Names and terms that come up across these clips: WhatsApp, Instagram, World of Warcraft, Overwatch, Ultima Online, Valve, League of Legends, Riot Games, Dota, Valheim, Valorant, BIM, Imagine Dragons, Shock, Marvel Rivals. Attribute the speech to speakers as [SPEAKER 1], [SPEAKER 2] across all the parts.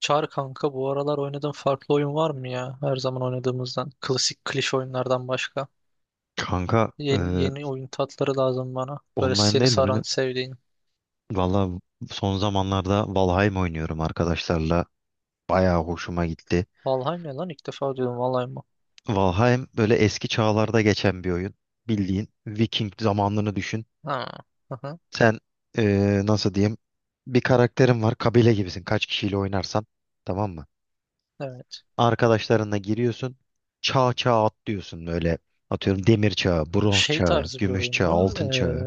[SPEAKER 1] Çağır kanka, bu aralar oynadığın farklı oyun var mı ya? Her zaman oynadığımızdan. Klasik klişe oyunlardan başka.
[SPEAKER 2] Kanka,
[SPEAKER 1] Yeni oyun tatları lazım bana. Böyle
[SPEAKER 2] online
[SPEAKER 1] seni
[SPEAKER 2] değil de böyle,
[SPEAKER 1] saran, sevdiğin.
[SPEAKER 2] valla, son zamanlarda Valheim oynuyorum arkadaşlarla. Bayağı hoşuma gitti.
[SPEAKER 1] Valheim ya lan, ilk defa duydum. Valheim mı?
[SPEAKER 2] Valheim böyle eski çağlarda geçen bir oyun. Bildiğin Viking zamanlarını düşün.
[SPEAKER 1] Ha. Hı hı.
[SPEAKER 2] Sen, nasıl diyeyim, bir karakterin var, kabile gibisin kaç kişiyle oynarsan, tamam mı?
[SPEAKER 1] Evet.
[SPEAKER 2] Arkadaşlarınla giriyorsun, çağ çağ atlıyorsun böyle, atıyorum demir çağı, bronz
[SPEAKER 1] Şey
[SPEAKER 2] çağı,
[SPEAKER 1] tarzı bir
[SPEAKER 2] gümüş
[SPEAKER 1] oyun
[SPEAKER 2] çağı,
[SPEAKER 1] mu?
[SPEAKER 2] altın çağı.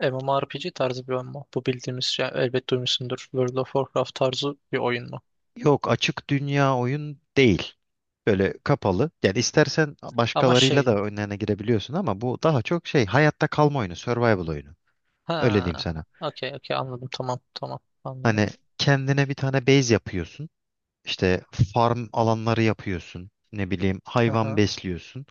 [SPEAKER 1] MMORPG tarzı bir oyun mu? Bu bildiğimiz yani, elbet duymuşsundur. World of Warcraft tarzı bir oyun mu?
[SPEAKER 2] Yok, açık dünya oyun değil. Böyle kapalı. Yani istersen
[SPEAKER 1] Ama
[SPEAKER 2] başkalarıyla da
[SPEAKER 1] şey.
[SPEAKER 2] önlerine girebiliyorsun ama bu daha çok şey, hayatta kalma oyunu, survival oyunu. Öyle diyeyim
[SPEAKER 1] Ha.
[SPEAKER 2] sana.
[SPEAKER 1] Okey, okey, anladım. Tamam, tamam, anladım.
[SPEAKER 2] Hani kendine bir tane base yapıyorsun. İşte farm alanları yapıyorsun. Ne bileyim,
[SPEAKER 1] Hı
[SPEAKER 2] hayvan
[SPEAKER 1] hı.
[SPEAKER 2] besliyorsun.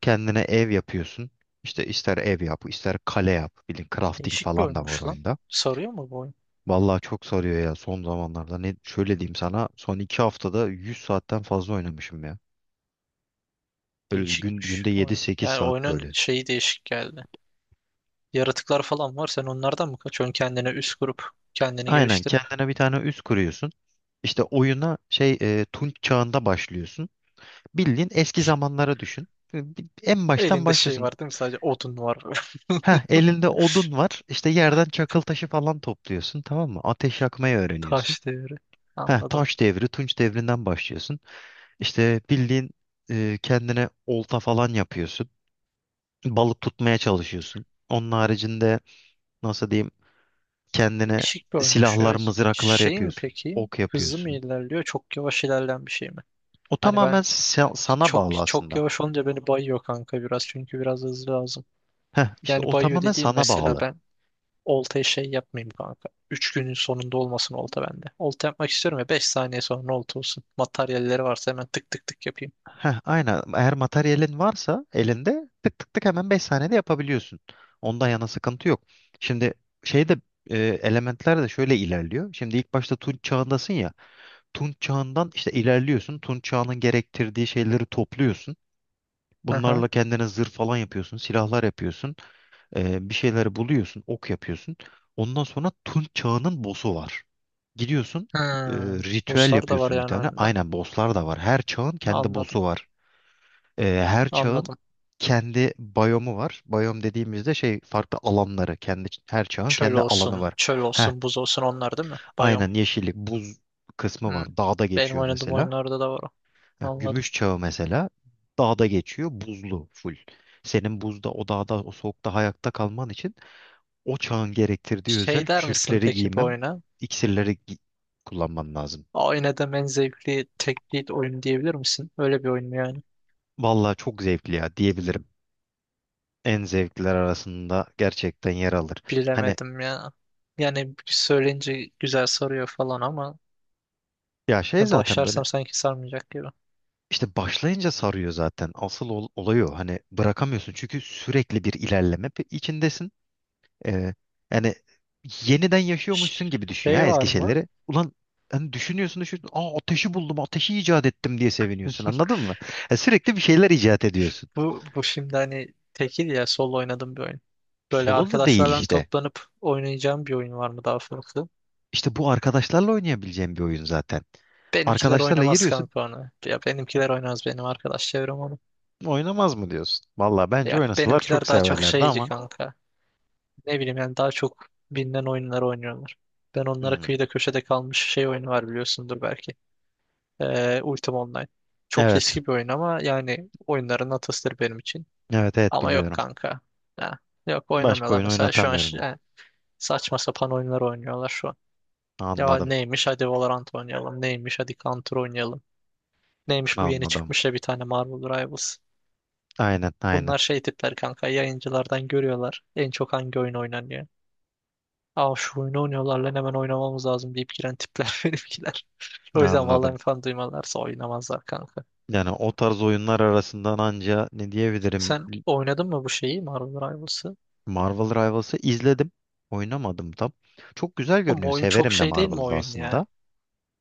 [SPEAKER 2] Kendine ev yapıyorsun. İşte ister ev yap, ister kale yap. Bilin crafting
[SPEAKER 1] Değişik bir
[SPEAKER 2] falan da var
[SPEAKER 1] oyunmuş lan.
[SPEAKER 2] oyunda.
[SPEAKER 1] Sarıyor mu bu oyun?
[SPEAKER 2] Vallahi çok sarıyor ya son zamanlarda. Ne şöyle diyeyim sana, son 2 haftada 100 saatten fazla oynamışım ya. Böyle gün,
[SPEAKER 1] Değişikmiş
[SPEAKER 2] günde yedi
[SPEAKER 1] oyun.
[SPEAKER 2] sekiz
[SPEAKER 1] Yani
[SPEAKER 2] saat
[SPEAKER 1] oyunun
[SPEAKER 2] böyle.
[SPEAKER 1] şeyi değişik geldi. Yaratıklar falan var. Sen onlardan mı kaçıyorsun? Kendine üst kurup, kendini
[SPEAKER 2] Aynen,
[SPEAKER 1] geliştirip.
[SPEAKER 2] kendine bir tane üs kuruyorsun. İşte oyuna, Tunç çağında başlıyorsun. Bildiğin eski zamanlara düşün. En baştan
[SPEAKER 1] Elinde şey
[SPEAKER 2] başlıyorsun.
[SPEAKER 1] var değil mi? Sadece odun var.
[SPEAKER 2] Heh, elinde odun var. İşte yerden çakıl taşı falan topluyorsun, tamam mı? Ateş yakmayı öğreniyorsun.
[SPEAKER 1] Taş devri.
[SPEAKER 2] Heh,
[SPEAKER 1] Anladım.
[SPEAKER 2] taş devri, Tunç devrinden başlıyorsun. İşte bildiğin, kendine olta falan yapıyorsun. Balık tutmaya çalışıyorsun. Onun haricinde, nasıl diyeyim, kendine
[SPEAKER 1] Değişik bir oyunmuş
[SPEAKER 2] silahlar,
[SPEAKER 1] ya.
[SPEAKER 2] mızraklar
[SPEAKER 1] Şey mi
[SPEAKER 2] yapıyorsun.
[SPEAKER 1] peki?
[SPEAKER 2] Ok
[SPEAKER 1] Hızlı mı
[SPEAKER 2] yapıyorsun.
[SPEAKER 1] ilerliyor? Çok yavaş ilerleyen bir şey mi?
[SPEAKER 2] O
[SPEAKER 1] Hani
[SPEAKER 2] tamamen
[SPEAKER 1] ben,
[SPEAKER 2] sana
[SPEAKER 1] çok
[SPEAKER 2] bağlı
[SPEAKER 1] çok
[SPEAKER 2] aslında.
[SPEAKER 1] yavaş olunca beni bayıyor kanka biraz. Çünkü biraz hızlı lazım.
[SPEAKER 2] Heh, işte
[SPEAKER 1] Yani
[SPEAKER 2] o
[SPEAKER 1] bayıyor
[SPEAKER 2] tamamen
[SPEAKER 1] dediğim,
[SPEAKER 2] sana
[SPEAKER 1] mesela
[SPEAKER 2] bağlı.
[SPEAKER 1] ben oltaya şey yapmayayım kanka. 3 günün sonunda olmasın olta bende. Olta yapmak istiyorum ya, 5 saniye sonra olta olsun. Materyalleri varsa hemen tık tık tık yapayım.
[SPEAKER 2] Heh, aynen. Eğer materyalin varsa elinde tık tık tık hemen 5 saniyede yapabiliyorsun. Ondan yana sıkıntı yok. Şimdi, şeyde elementler de şöyle ilerliyor. Şimdi ilk başta Tunç çağındasın ya. Tunç çağından işte ilerliyorsun. Tunç çağının gerektirdiği şeyleri topluyorsun.
[SPEAKER 1] Aha.
[SPEAKER 2] Bunlarla kendine zırh falan yapıyorsun, silahlar yapıyorsun. Bir şeyleri buluyorsun, ok yapıyorsun. Ondan sonra Tunç Çağı'nın boss'u var. Gidiyorsun,
[SPEAKER 1] Hmm.
[SPEAKER 2] ritüel
[SPEAKER 1] Bosslar da var
[SPEAKER 2] yapıyorsun bir
[SPEAKER 1] yani
[SPEAKER 2] tane.
[SPEAKER 1] oyunda.
[SPEAKER 2] Aynen, boss'lar da var. Her çağın kendi
[SPEAKER 1] Anladım.
[SPEAKER 2] boss'u var. Her çağın
[SPEAKER 1] Anladım.
[SPEAKER 2] kendi biyomu var. Biyom dediğimizde şey, farklı alanları, kendi, her çağın
[SPEAKER 1] Çöl
[SPEAKER 2] kendi alanı
[SPEAKER 1] olsun,
[SPEAKER 2] var.
[SPEAKER 1] çöl
[SPEAKER 2] Heh,
[SPEAKER 1] olsun, buz olsun, onlar değil mi? Biyom.
[SPEAKER 2] aynen, yeşillik, buz kısmı
[SPEAKER 1] Hmm.
[SPEAKER 2] var. Dağda
[SPEAKER 1] Benim
[SPEAKER 2] geçiyor
[SPEAKER 1] oynadığım
[SPEAKER 2] mesela.
[SPEAKER 1] oyunlarda da var o.
[SPEAKER 2] Ha,
[SPEAKER 1] Anladım.
[SPEAKER 2] Gümüş çağı mesela dağda geçiyor, buzlu full. Senin buzda, o dağda, o soğukta hayatta kalman için o çağın gerektirdiği özel
[SPEAKER 1] Şey der misin
[SPEAKER 2] kürkleri
[SPEAKER 1] peki bu
[SPEAKER 2] giymem,
[SPEAKER 1] oyuna?
[SPEAKER 2] iksirleri kullanmam lazım.
[SPEAKER 1] Oynadığım en zevkli tek lead oyun diyebilir misin? Öyle bir oyun mu yani?
[SPEAKER 2] Vallahi çok zevkli ya, diyebilirim. En zevkliler arasında gerçekten yer alır. Hani,
[SPEAKER 1] Bilemedim ya. Yani söyleyince güzel soruyor falan ama,
[SPEAKER 2] ya şey
[SPEAKER 1] ya
[SPEAKER 2] zaten böyle,
[SPEAKER 1] başlarsam sanki sarmayacak gibi.
[SPEAKER 2] işte başlayınca sarıyor zaten. Asıl olay o. Hani bırakamıyorsun çünkü sürekli bir ilerleme içindesin. Ee, Yani, yeniden yaşıyormuşsun gibi düşün
[SPEAKER 1] Şey
[SPEAKER 2] ya
[SPEAKER 1] var
[SPEAKER 2] eski
[SPEAKER 1] mı?
[SPEAKER 2] şeyleri. Ulan hani düşünüyorsun düşünüyorsun. Aa, ateşi buldum, ateşi icat ettim diye seviniyorsun. Anladın mı? Ya sürekli bir şeyler icat ediyorsun.
[SPEAKER 1] Bu şimdi hani tekil, ya solo oynadığım bir oyun. Böyle
[SPEAKER 2] Solo da değil
[SPEAKER 1] arkadaşlarla
[SPEAKER 2] işte.
[SPEAKER 1] toplanıp oynayacağım bir oyun var mı daha farklı?
[SPEAKER 2] İşte bu arkadaşlarla oynayabileceğim bir oyun zaten.
[SPEAKER 1] Benimkiler
[SPEAKER 2] Arkadaşlarla
[SPEAKER 1] oynamaz
[SPEAKER 2] giriyorsun,
[SPEAKER 1] kanka onu. Ya benimkiler oynamaz, benim arkadaş çevrem onu.
[SPEAKER 2] oynamaz mı diyorsun? Valla bence
[SPEAKER 1] Ya
[SPEAKER 2] oynasalar çok
[SPEAKER 1] benimkiler daha çok
[SPEAKER 2] severlerdi
[SPEAKER 1] şeyci
[SPEAKER 2] ama.
[SPEAKER 1] kanka. Ne bileyim yani, daha çok bilinen oyunları oynuyorlar. Ben onlara
[SPEAKER 2] Hmm,
[SPEAKER 1] kıyıda köşede kalmış şey oyunu var, biliyorsundur belki. Ultima Online. Çok
[SPEAKER 2] evet,
[SPEAKER 1] eski bir oyun ama yani oyunların atasıdır benim için.
[SPEAKER 2] evet, evet
[SPEAKER 1] Ama yok
[SPEAKER 2] biliyorum.
[SPEAKER 1] kanka. Ha, yok,
[SPEAKER 2] Başka
[SPEAKER 1] oynamıyorlar
[SPEAKER 2] oyun
[SPEAKER 1] mesela. Şu an
[SPEAKER 2] oynatamıyorum.
[SPEAKER 1] yani saçma sapan oyunlar oynuyorlar şu an. Ya
[SPEAKER 2] Anladım,
[SPEAKER 1] neymiş, hadi Valorant oynayalım. Neymiş, hadi Counter oynayalım. Neymiş, bu yeni
[SPEAKER 2] anladım.
[SPEAKER 1] çıkmış ya bir tane, Marvel Rivals.
[SPEAKER 2] Aynen, aynen.
[SPEAKER 1] Bunlar şey tipler kanka, yayıncılardan görüyorlar. En çok hangi oyun oynanıyor. Aa, şu oyunu oynuyorlar lan, hemen oynamamız lazım deyip giren tipler benimkiler. O yüzden vallahi
[SPEAKER 2] Anladım.
[SPEAKER 1] falan duymalarsa oynamazlar kanka.
[SPEAKER 2] Yani o tarz oyunlar arasından anca ne diyebilirim?
[SPEAKER 1] Sen oynadın mı bu şeyi, Marvel Rivals'ı?
[SPEAKER 2] Marvel Rivals'ı izledim. Oynamadım tam. Çok güzel
[SPEAKER 1] Ama
[SPEAKER 2] görünüyor.
[SPEAKER 1] oyun çok
[SPEAKER 2] Severim de
[SPEAKER 1] şey değil mi
[SPEAKER 2] Marvel'ı
[SPEAKER 1] oyun ya?
[SPEAKER 2] aslında.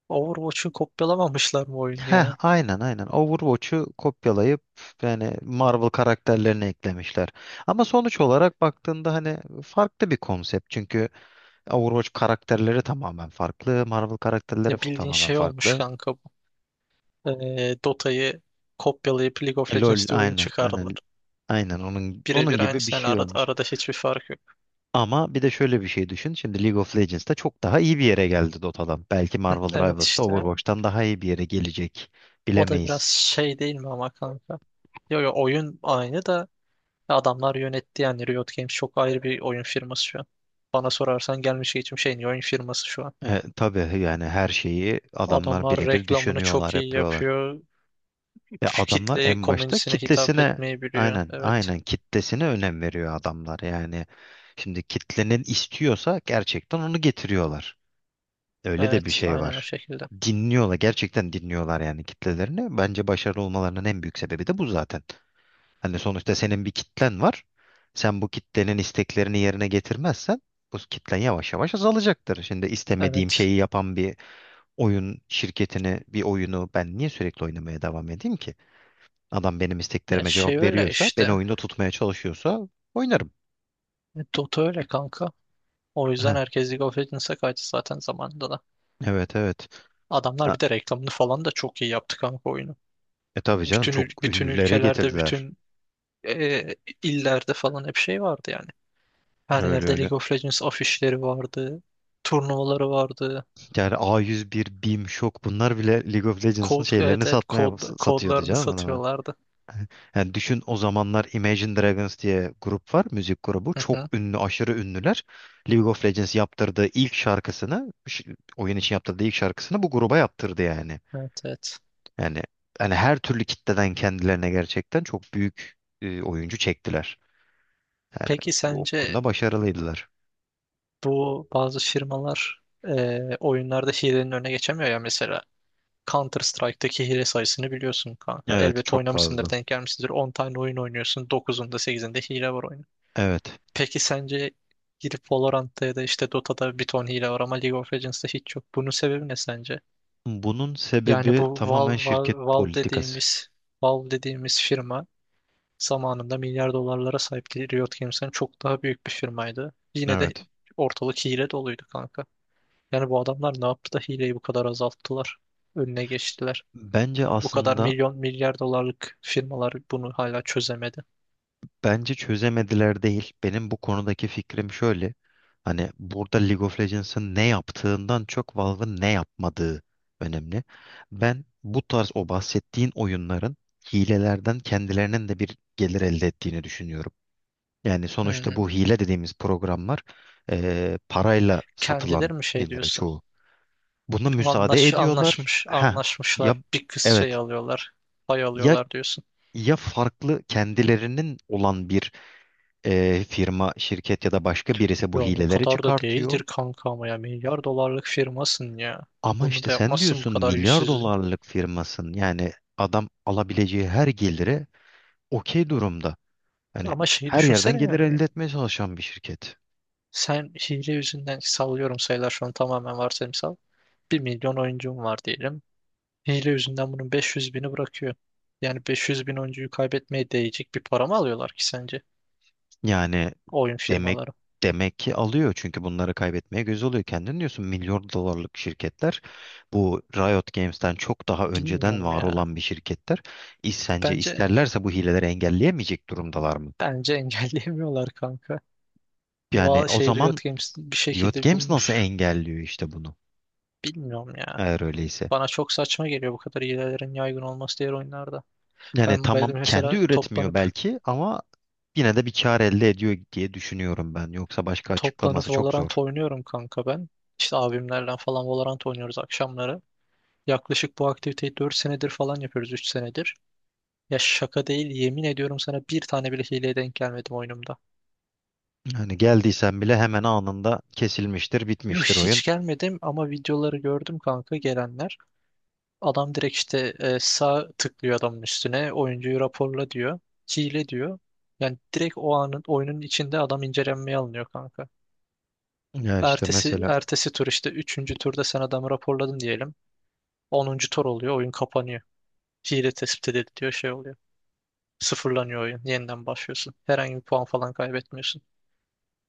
[SPEAKER 1] Overwatch'u kopyalamamışlar mı oyunu
[SPEAKER 2] Heh,
[SPEAKER 1] ya?
[SPEAKER 2] aynen, aynen. Overwatch'u kopyalayıp yani Marvel karakterlerini eklemişler. Ama sonuç olarak baktığında hani farklı bir konsept. Çünkü Overwatch karakterleri tamamen farklı, Marvel karakterleri
[SPEAKER 1] Ya bildiğin
[SPEAKER 2] tamamen
[SPEAKER 1] şey olmuş
[SPEAKER 2] farklı.
[SPEAKER 1] kanka bu. Dota'yı kopyalayıp League of
[SPEAKER 2] LOL,
[SPEAKER 1] Legends diye oyun
[SPEAKER 2] aynen,
[SPEAKER 1] çıkardılar.
[SPEAKER 2] aynen, aynen onun
[SPEAKER 1] Birebir aynı
[SPEAKER 2] gibi bir
[SPEAKER 1] yani,
[SPEAKER 2] şey
[SPEAKER 1] arada,
[SPEAKER 2] olmuş.
[SPEAKER 1] arada hiçbir fark yok.
[SPEAKER 2] Ama bir de şöyle bir şey düşün. Şimdi League of Legends'ta çok daha iyi bir yere geldi Dota'dan. Belki
[SPEAKER 1] Hı,
[SPEAKER 2] Marvel
[SPEAKER 1] evet
[SPEAKER 2] Rivals'ta
[SPEAKER 1] işte.
[SPEAKER 2] Overwatch'tan daha iyi bir yere gelecek.
[SPEAKER 1] O da biraz
[SPEAKER 2] Bilemeyiz.
[SPEAKER 1] şey değil mi ama kanka? Yo, yo, oyun aynı da adamlar yönetti yani. Riot Games çok ayrı bir oyun firması şu an. Bana sorarsan gelmiş geçmiş en iyi oyun firması şu an.
[SPEAKER 2] Tabii yani her şeyi adamlar
[SPEAKER 1] Adamlar
[SPEAKER 2] birebir
[SPEAKER 1] reklamını çok
[SPEAKER 2] düşünüyorlar,
[SPEAKER 1] iyi
[SPEAKER 2] yapıyorlar.
[SPEAKER 1] yapıyor.
[SPEAKER 2] Adamlar
[SPEAKER 1] Kitleye,
[SPEAKER 2] en başta
[SPEAKER 1] komünisine hitap
[SPEAKER 2] kitlesine,
[SPEAKER 1] etmeyi biliyor.
[SPEAKER 2] aynen,
[SPEAKER 1] Evet.
[SPEAKER 2] aynen kitlesine önem veriyor adamlar. Yani şimdi kitlenin istiyorsa gerçekten onu getiriyorlar. Öyle de bir
[SPEAKER 1] Evet,
[SPEAKER 2] şey
[SPEAKER 1] aynen o
[SPEAKER 2] var.
[SPEAKER 1] şekilde.
[SPEAKER 2] Dinliyorlar, gerçekten dinliyorlar yani kitlelerini. Bence başarılı olmalarının en büyük sebebi de bu zaten. Hani sonuçta senin bir kitlen var. Sen bu kitlenin isteklerini yerine getirmezsen bu kitlen yavaş yavaş azalacaktır. Şimdi istemediğim
[SPEAKER 1] Evet.
[SPEAKER 2] şeyi yapan bir oyun şirketini, bir oyunu ben niye sürekli oynamaya devam edeyim ki? Adam benim
[SPEAKER 1] Ya
[SPEAKER 2] isteklerime
[SPEAKER 1] şey,
[SPEAKER 2] cevap
[SPEAKER 1] öyle
[SPEAKER 2] veriyorsa, beni
[SPEAKER 1] işte.
[SPEAKER 2] oyunda tutmaya çalışıyorsa oynarım.
[SPEAKER 1] Dota öyle kanka. O yüzden
[SPEAKER 2] Heh,
[SPEAKER 1] herkes League of Legends'a kaçtı zaten zamanında da.
[SPEAKER 2] evet, evet.
[SPEAKER 1] Adamlar
[SPEAKER 2] Ha,
[SPEAKER 1] bir de reklamını falan da çok iyi yaptı kanka oyunu.
[SPEAKER 2] tabii canım,
[SPEAKER 1] Bütün
[SPEAKER 2] çok
[SPEAKER 1] ül- bütün
[SPEAKER 2] ünlülere
[SPEAKER 1] ülkelerde,
[SPEAKER 2] getirdiler.
[SPEAKER 1] bütün e, illerde falan hep şey vardı yani. Her
[SPEAKER 2] Öyle
[SPEAKER 1] yerde
[SPEAKER 2] öyle.
[SPEAKER 1] League of Legends afişleri vardı. Turnuvaları vardı.
[SPEAKER 2] Yani A101, BIM, Shock bunlar bile League of Legends'ın şeylerini
[SPEAKER 1] Evet, evet,
[SPEAKER 2] satmaya
[SPEAKER 1] kod,
[SPEAKER 2] satıyordu
[SPEAKER 1] kodlarını
[SPEAKER 2] canım adamlar.
[SPEAKER 1] satıyorlardı.
[SPEAKER 2] Yani düşün, o zamanlar Imagine Dragons diye grup var, müzik grubu.
[SPEAKER 1] Hı
[SPEAKER 2] Çok
[SPEAKER 1] hı.
[SPEAKER 2] ünlü, aşırı ünlüler. League of Legends yaptırdığı ilk şarkısını, oyun için yaptırdığı ilk şarkısını bu gruba yaptırdı yani.
[SPEAKER 1] Evet, evet.
[SPEAKER 2] Yani hani her türlü kitleden kendilerine gerçekten çok büyük, oyuncu çektiler. Yani
[SPEAKER 1] Peki
[SPEAKER 2] o
[SPEAKER 1] sence
[SPEAKER 2] konuda başarılıydılar.
[SPEAKER 1] bu bazı firmalar oyunlarda hilenin önüne geçemiyor ya mesela. Counter Strike'daki hile sayısını biliyorsun kanka.
[SPEAKER 2] Evet,
[SPEAKER 1] Elbet
[SPEAKER 2] çok
[SPEAKER 1] oynamışsındır,
[SPEAKER 2] fazla.
[SPEAKER 1] denk gelmişsindir. 10 tane oyun oynuyorsun. Dokuzunda, sekizinde hile var oyunun.
[SPEAKER 2] Evet.
[SPEAKER 1] Peki sence, girip Valorant'ta ya da işte Dota'da bir ton hile var ama League of Legends'ta hiç yok. Bunun sebebi ne sence?
[SPEAKER 2] Bunun
[SPEAKER 1] Yani
[SPEAKER 2] sebebi
[SPEAKER 1] bu
[SPEAKER 2] tamamen
[SPEAKER 1] Valve,
[SPEAKER 2] şirket
[SPEAKER 1] Valve, Valve
[SPEAKER 2] politikası.
[SPEAKER 1] dediğimiz Valve dediğimiz firma, zamanında milyar dolarlara sahipti. Riot Games'ten çok daha büyük bir firmaydı. Yine de
[SPEAKER 2] Evet.
[SPEAKER 1] ortalık hile doluydu kanka. Yani bu adamlar ne yaptı da hileyi bu kadar azalttılar, önüne geçtiler?
[SPEAKER 2] Bence
[SPEAKER 1] Bu kadar
[SPEAKER 2] aslında
[SPEAKER 1] milyon milyar dolarlık firmalar bunu hala çözemedi.
[SPEAKER 2] Bence çözemediler değil. Benim bu konudaki fikrim şöyle. Hani burada League of Legends'ın ne yaptığından çok Valve'ın ne yapmadığı önemli. Ben bu tarz o bahsettiğin oyunların hilelerden kendilerinin de bir gelir elde ettiğini düşünüyorum. Yani sonuçta
[SPEAKER 1] Hmm.
[SPEAKER 2] bu hile dediğimiz programlar, parayla satılan
[SPEAKER 1] Kendileri mi şey
[SPEAKER 2] yerlere
[SPEAKER 1] diyorsun?
[SPEAKER 2] çoğu. Buna müsaade
[SPEAKER 1] Anlaş,
[SPEAKER 2] ediyorlar.
[SPEAKER 1] anlaşmış,
[SPEAKER 2] Ha,
[SPEAKER 1] anlaşmışlar.
[SPEAKER 2] ya
[SPEAKER 1] Bir kız şey
[SPEAKER 2] evet,
[SPEAKER 1] alıyorlar, pay
[SPEAKER 2] ya
[SPEAKER 1] alıyorlar diyorsun.
[SPEAKER 2] ya farklı kendilerinin olan bir, firma, şirket ya da başka birisi
[SPEAKER 1] Ya
[SPEAKER 2] bu
[SPEAKER 1] o
[SPEAKER 2] hileleri
[SPEAKER 1] kadar da
[SPEAKER 2] çıkartıyor.
[SPEAKER 1] değildir kanka ama ya, milyar dolarlık firmasın ya.
[SPEAKER 2] Ama
[SPEAKER 1] Bunu
[SPEAKER 2] işte
[SPEAKER 1] da
[SPEAKER 2] sen
[SPEAKER 1] yapmazsın bu
[SPEAKER 2] diyorsun
[SPEAKER 1] kadar
[SPEAKER 2] milyar
[SPEAKER 1] yüzsüzlüğü.
[SPEAKER 2] dolarlık firmasın. Yani adam alabileceği her gelire okey durumda. Hani
[SPEAKER 1] Ama şeyi
[SPEAKER 2] her yerden
[SPEAKER 1] düşünsene
[SPEAKER 2] gelir elde
[SPEAKER 1] yani.
[SPEAKER 2] etmeye çalışan bir şirket.
[SPEAKER 1] Sen hile yüzünden, sallıyorum sayılar şu an tamamen varsayımsal. 1 milyon oyuncun var diyelim. Hile yüzünden bunun 500 bini bırakıyor. Yani 500 bin oyuncuyu kaybetmeye değecek bir para mı alıyorlar ki sence
[SPEAKER 2] Yani
[SPEAKER 1] oyun
[SPEAKER 2] demek
[SPEAKER 1] firmaları?
[SPEAKER 2] demek ki alıyor çünkü bunları kaybetmeye göz oluyor. Kendin diyorsun milyar dolarlık şirketler, bu Riot Games'ten çok daha önceden
[SPEAKER 1] Bilmiyorum
[SPEAKER 2] var
[SPEAKER 1] ya.
[SPEAKER 2] olan bir şirketler. Sence
[SPEAKER 1] Bence
[SPEAKER 2] isterlerse bu hileleri engelleyemeyecek durumdalar mı?
[SPEAKER 1] bence engelleyemiyorlar kanka.
[SPEAKER 2] Yani
[SPEAKER 1] Val
[SPEAKER 2] o
[SPEAKER 1] şey
[SPEAKER 2] zaman
[SPEAKER 1] Riot Games bir
[SPEAKER 2] Riot
[SPEAKER 1] şekilde
[SPEAKER 2] Games nasıl
[SPEAKER 1] bulmuş.
[SPEAKER 2] engelliyor işte bunu,
[SPEAKER 1] Bilmiyorum ya.
[SPEAKER 2] eğer öyleyse.
[SPEAKER 1] Bana çok saçma geliyor bu kadar hilelerin yaygın olması diğer oyunlarda.
[SPEAKER 2] Yani
[SPEAKER 1] Ben
[SPEAKER 2] tamam, kendi
[SPEAKER 1] mesela
[SPEAKER 2] üretmiyor
[SPEAKER 1] toplanıp
[SPEAKER 2] belki ama yine de bir kar elde ediyor diye düşünüyorum ben. Yoksa başka açıklaması
[SPEAKER 1] toplanıp
[SPEAKER 2] çok zor.
[SPEAKER 1] Valorant oynuyorum kanka ben. İşte abimlerle falan Valorant oynuyoruz akşamları. Yaklaşık bu aktiviteyi 4 senedir falan yapıyoruz, 3 senedir. Ya şaka değil, yemin ediyorum sana, bir tane bile hileye denk gelmedim oyunumda.
[SPEAKER 2] Yani geldiysen bile hemen anında kesilmiştir,
[SPEAKER 1] Yuh,
[SPEAKER 2] bitmiştir oyun.
[SPEAKER 1] hiç gelmedim ama videoları gördüm kanka, gelenler. Adam direkt işte sağ tıklıyor adamın üstüne, oyuncuyu raporla diyor. Hile diyor. Yani direkt o anın oyunun içinde adam incelenmeye alınıyor kanka.
[SPEAKER 2] Yani işte
[SPEAKER 1] Ertesi
[SPEAKER 2] mesela
[SPEAKER 1] ertesi tur, işte üçüncü turda sen adamı raporladın diyelim. 10. tur oluyor, oyun kapanıyor. Hile tespit edildi diyor, şey oluyor. Sıfırlanıyor oyun, yeniden başlıyorsun. Herhangi bir puan falan kaybetmiyorsun.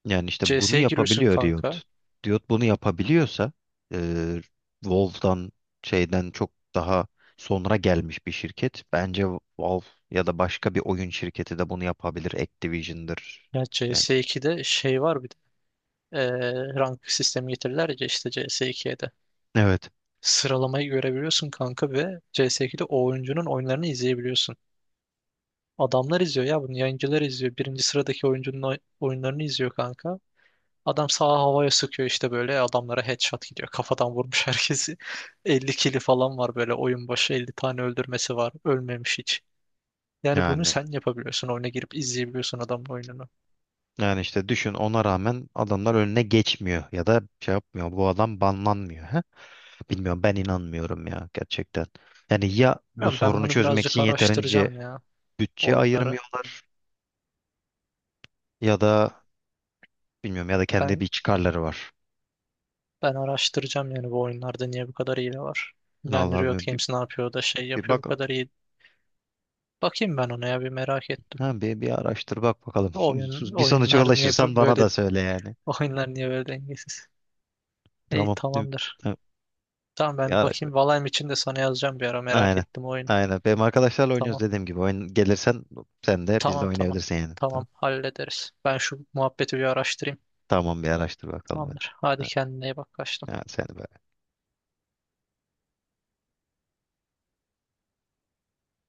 [SPEAKER 2] Yani işte bunu
[SPEAKER 1] CS'ye giriyorsun
[SPEAKER 2] yapabiliyor
[SPEAKER 1] kanka.
[SPEAKER 2] Riot. Riot bunu yapabiliyorsa, e, Valve'dan, şeyden çok daha sonra gelmiş bir şirket. Bence Valve ya da başka bir oyun şirketi de bunu yapabilir. Activision'dır.
[SPEAKER 1] Ya
[SPEAKER 2] Yani,
[SPEAKER 1] CS2'de şey var bir de rank sistemi getirdiler ya işte CS2'ye de.
[SPEAKER 2] evet,
[SPEAKER 1] Sıralamayı görebiliyorsun kanka, ve CS2'de o oyuncunun oyunlarını izleyebiliyorsun. Adamlar izliyor ya bunu, yayıncılar izliyor. Birinci sıradaki oyuncunun oyunlarını izliyor kanka. Adam sağa havaya sıkıyor işte, böyle adamlara headshot gidiyor. Kafadan vurmuş herkesi. 50 kili falan var böyle, oyun başı 50 tane öldürmesi var. Ölmemiş hiç. Yani bunu
[SPEAKER 2] yani
[SPEAKER 1] sen yapabiliyorsun. Oyuna girip izleyebiliyorsun adamın oyununu.
[SPEAKER 2] yani işte düşün ona rağmen adamlar önüne geçmiyor ya da şey yapmıyor, bu adam banlanmıyor. Ha, bilmiyorum, ben inanmıyorum ya gerçekten. Yani ya bu
[SPEAKER 1] Bilmiyorum, ben
[SPEAKER 2] sorunu
[SPEAKER 1] bunu
[SPEAKER 2] çözmek
[SPEAKER 1] birazcık
[SPEAKER 2] için yeterince
[SPEAKER 1] araştıracağım ya
[SPEAKER 2] bütçe
[SPEAKER 1] oyunları.
[SPEAKER 2] ayırmıyorlar ya da bilmiyorum, ya da kendi
[SPEAKER 1] Ben
[SPEAKER 2] bir çıkarları var.
[SPEAKER 1] ben araştıracağım yani, bu oyunlarda niye bu kadar hile var. Yani
[SPEAKER 2] Allah,
[SPEAKER 1] Riot Games ne yapıyor da şey
[SPEAKER 2] bir
[SPEAKER 1] yapıyor bu
[SPEAKER 2] bak.
[SPEAKER 1] kadar iyi. Bakayım ben ona ya, bir merak ettim.
[SPEAKER 2] Ha, bir araştır bak bakalım
[SPEAKER 1] Oyun
[SPEAKER 2] bir sonuca
[SPEAKER 1] oyunlar niye
[SPEAKER 2] ulaşırsan
[SPEAKER 1] bö-
[SPEAKER 2] bana
[SPEAKER 1] böyle
[SPEAKER 2] da söyle yani.
[SPEAKER 1] Oyunlar niye böyle dengesiz? İyi,
[SPEAKER 2] Tamam.
[SPEAKER 1] tamamdır.
[SPEAKER 2] Ha,
[SPEAKER 1] Tamam,
[SPEAKER 2] bir
[SPEAKER 1] ben
[SPEAKER 2] araştır.
[SPEAKER 1] bakayım Valheim için de, sana yazacağım bir ara, merak
[SPEAKER 2] Aynen,
[SPEAKER 1] ettim oyun.
[SPEAKER 2] aynen, benim arkadaşlarla oynuyoruz
[SPEAKER 1] Tamam.
[SPEAKER 2] dediğim gibi oyun, gelirsen sen de bizle
[SPEAKER 1] Tamam, tamam.
[SPEAKER 2] oynayabilirsin yani. Tamam.
[SPEAKER 1] Tamam, hallederiz. Ben şu muhabbeti bir araştırayım.
[SPEAKER 2] Tamam, bir araştır bakalım hadi.
[SPEAKER 1] Tamamdır. Hadi
[SPEAKER 2] Ha,
[SPEAKER 1] kendine iyi bak, kaçtım.
[SPEAKER 2] ha, seni be.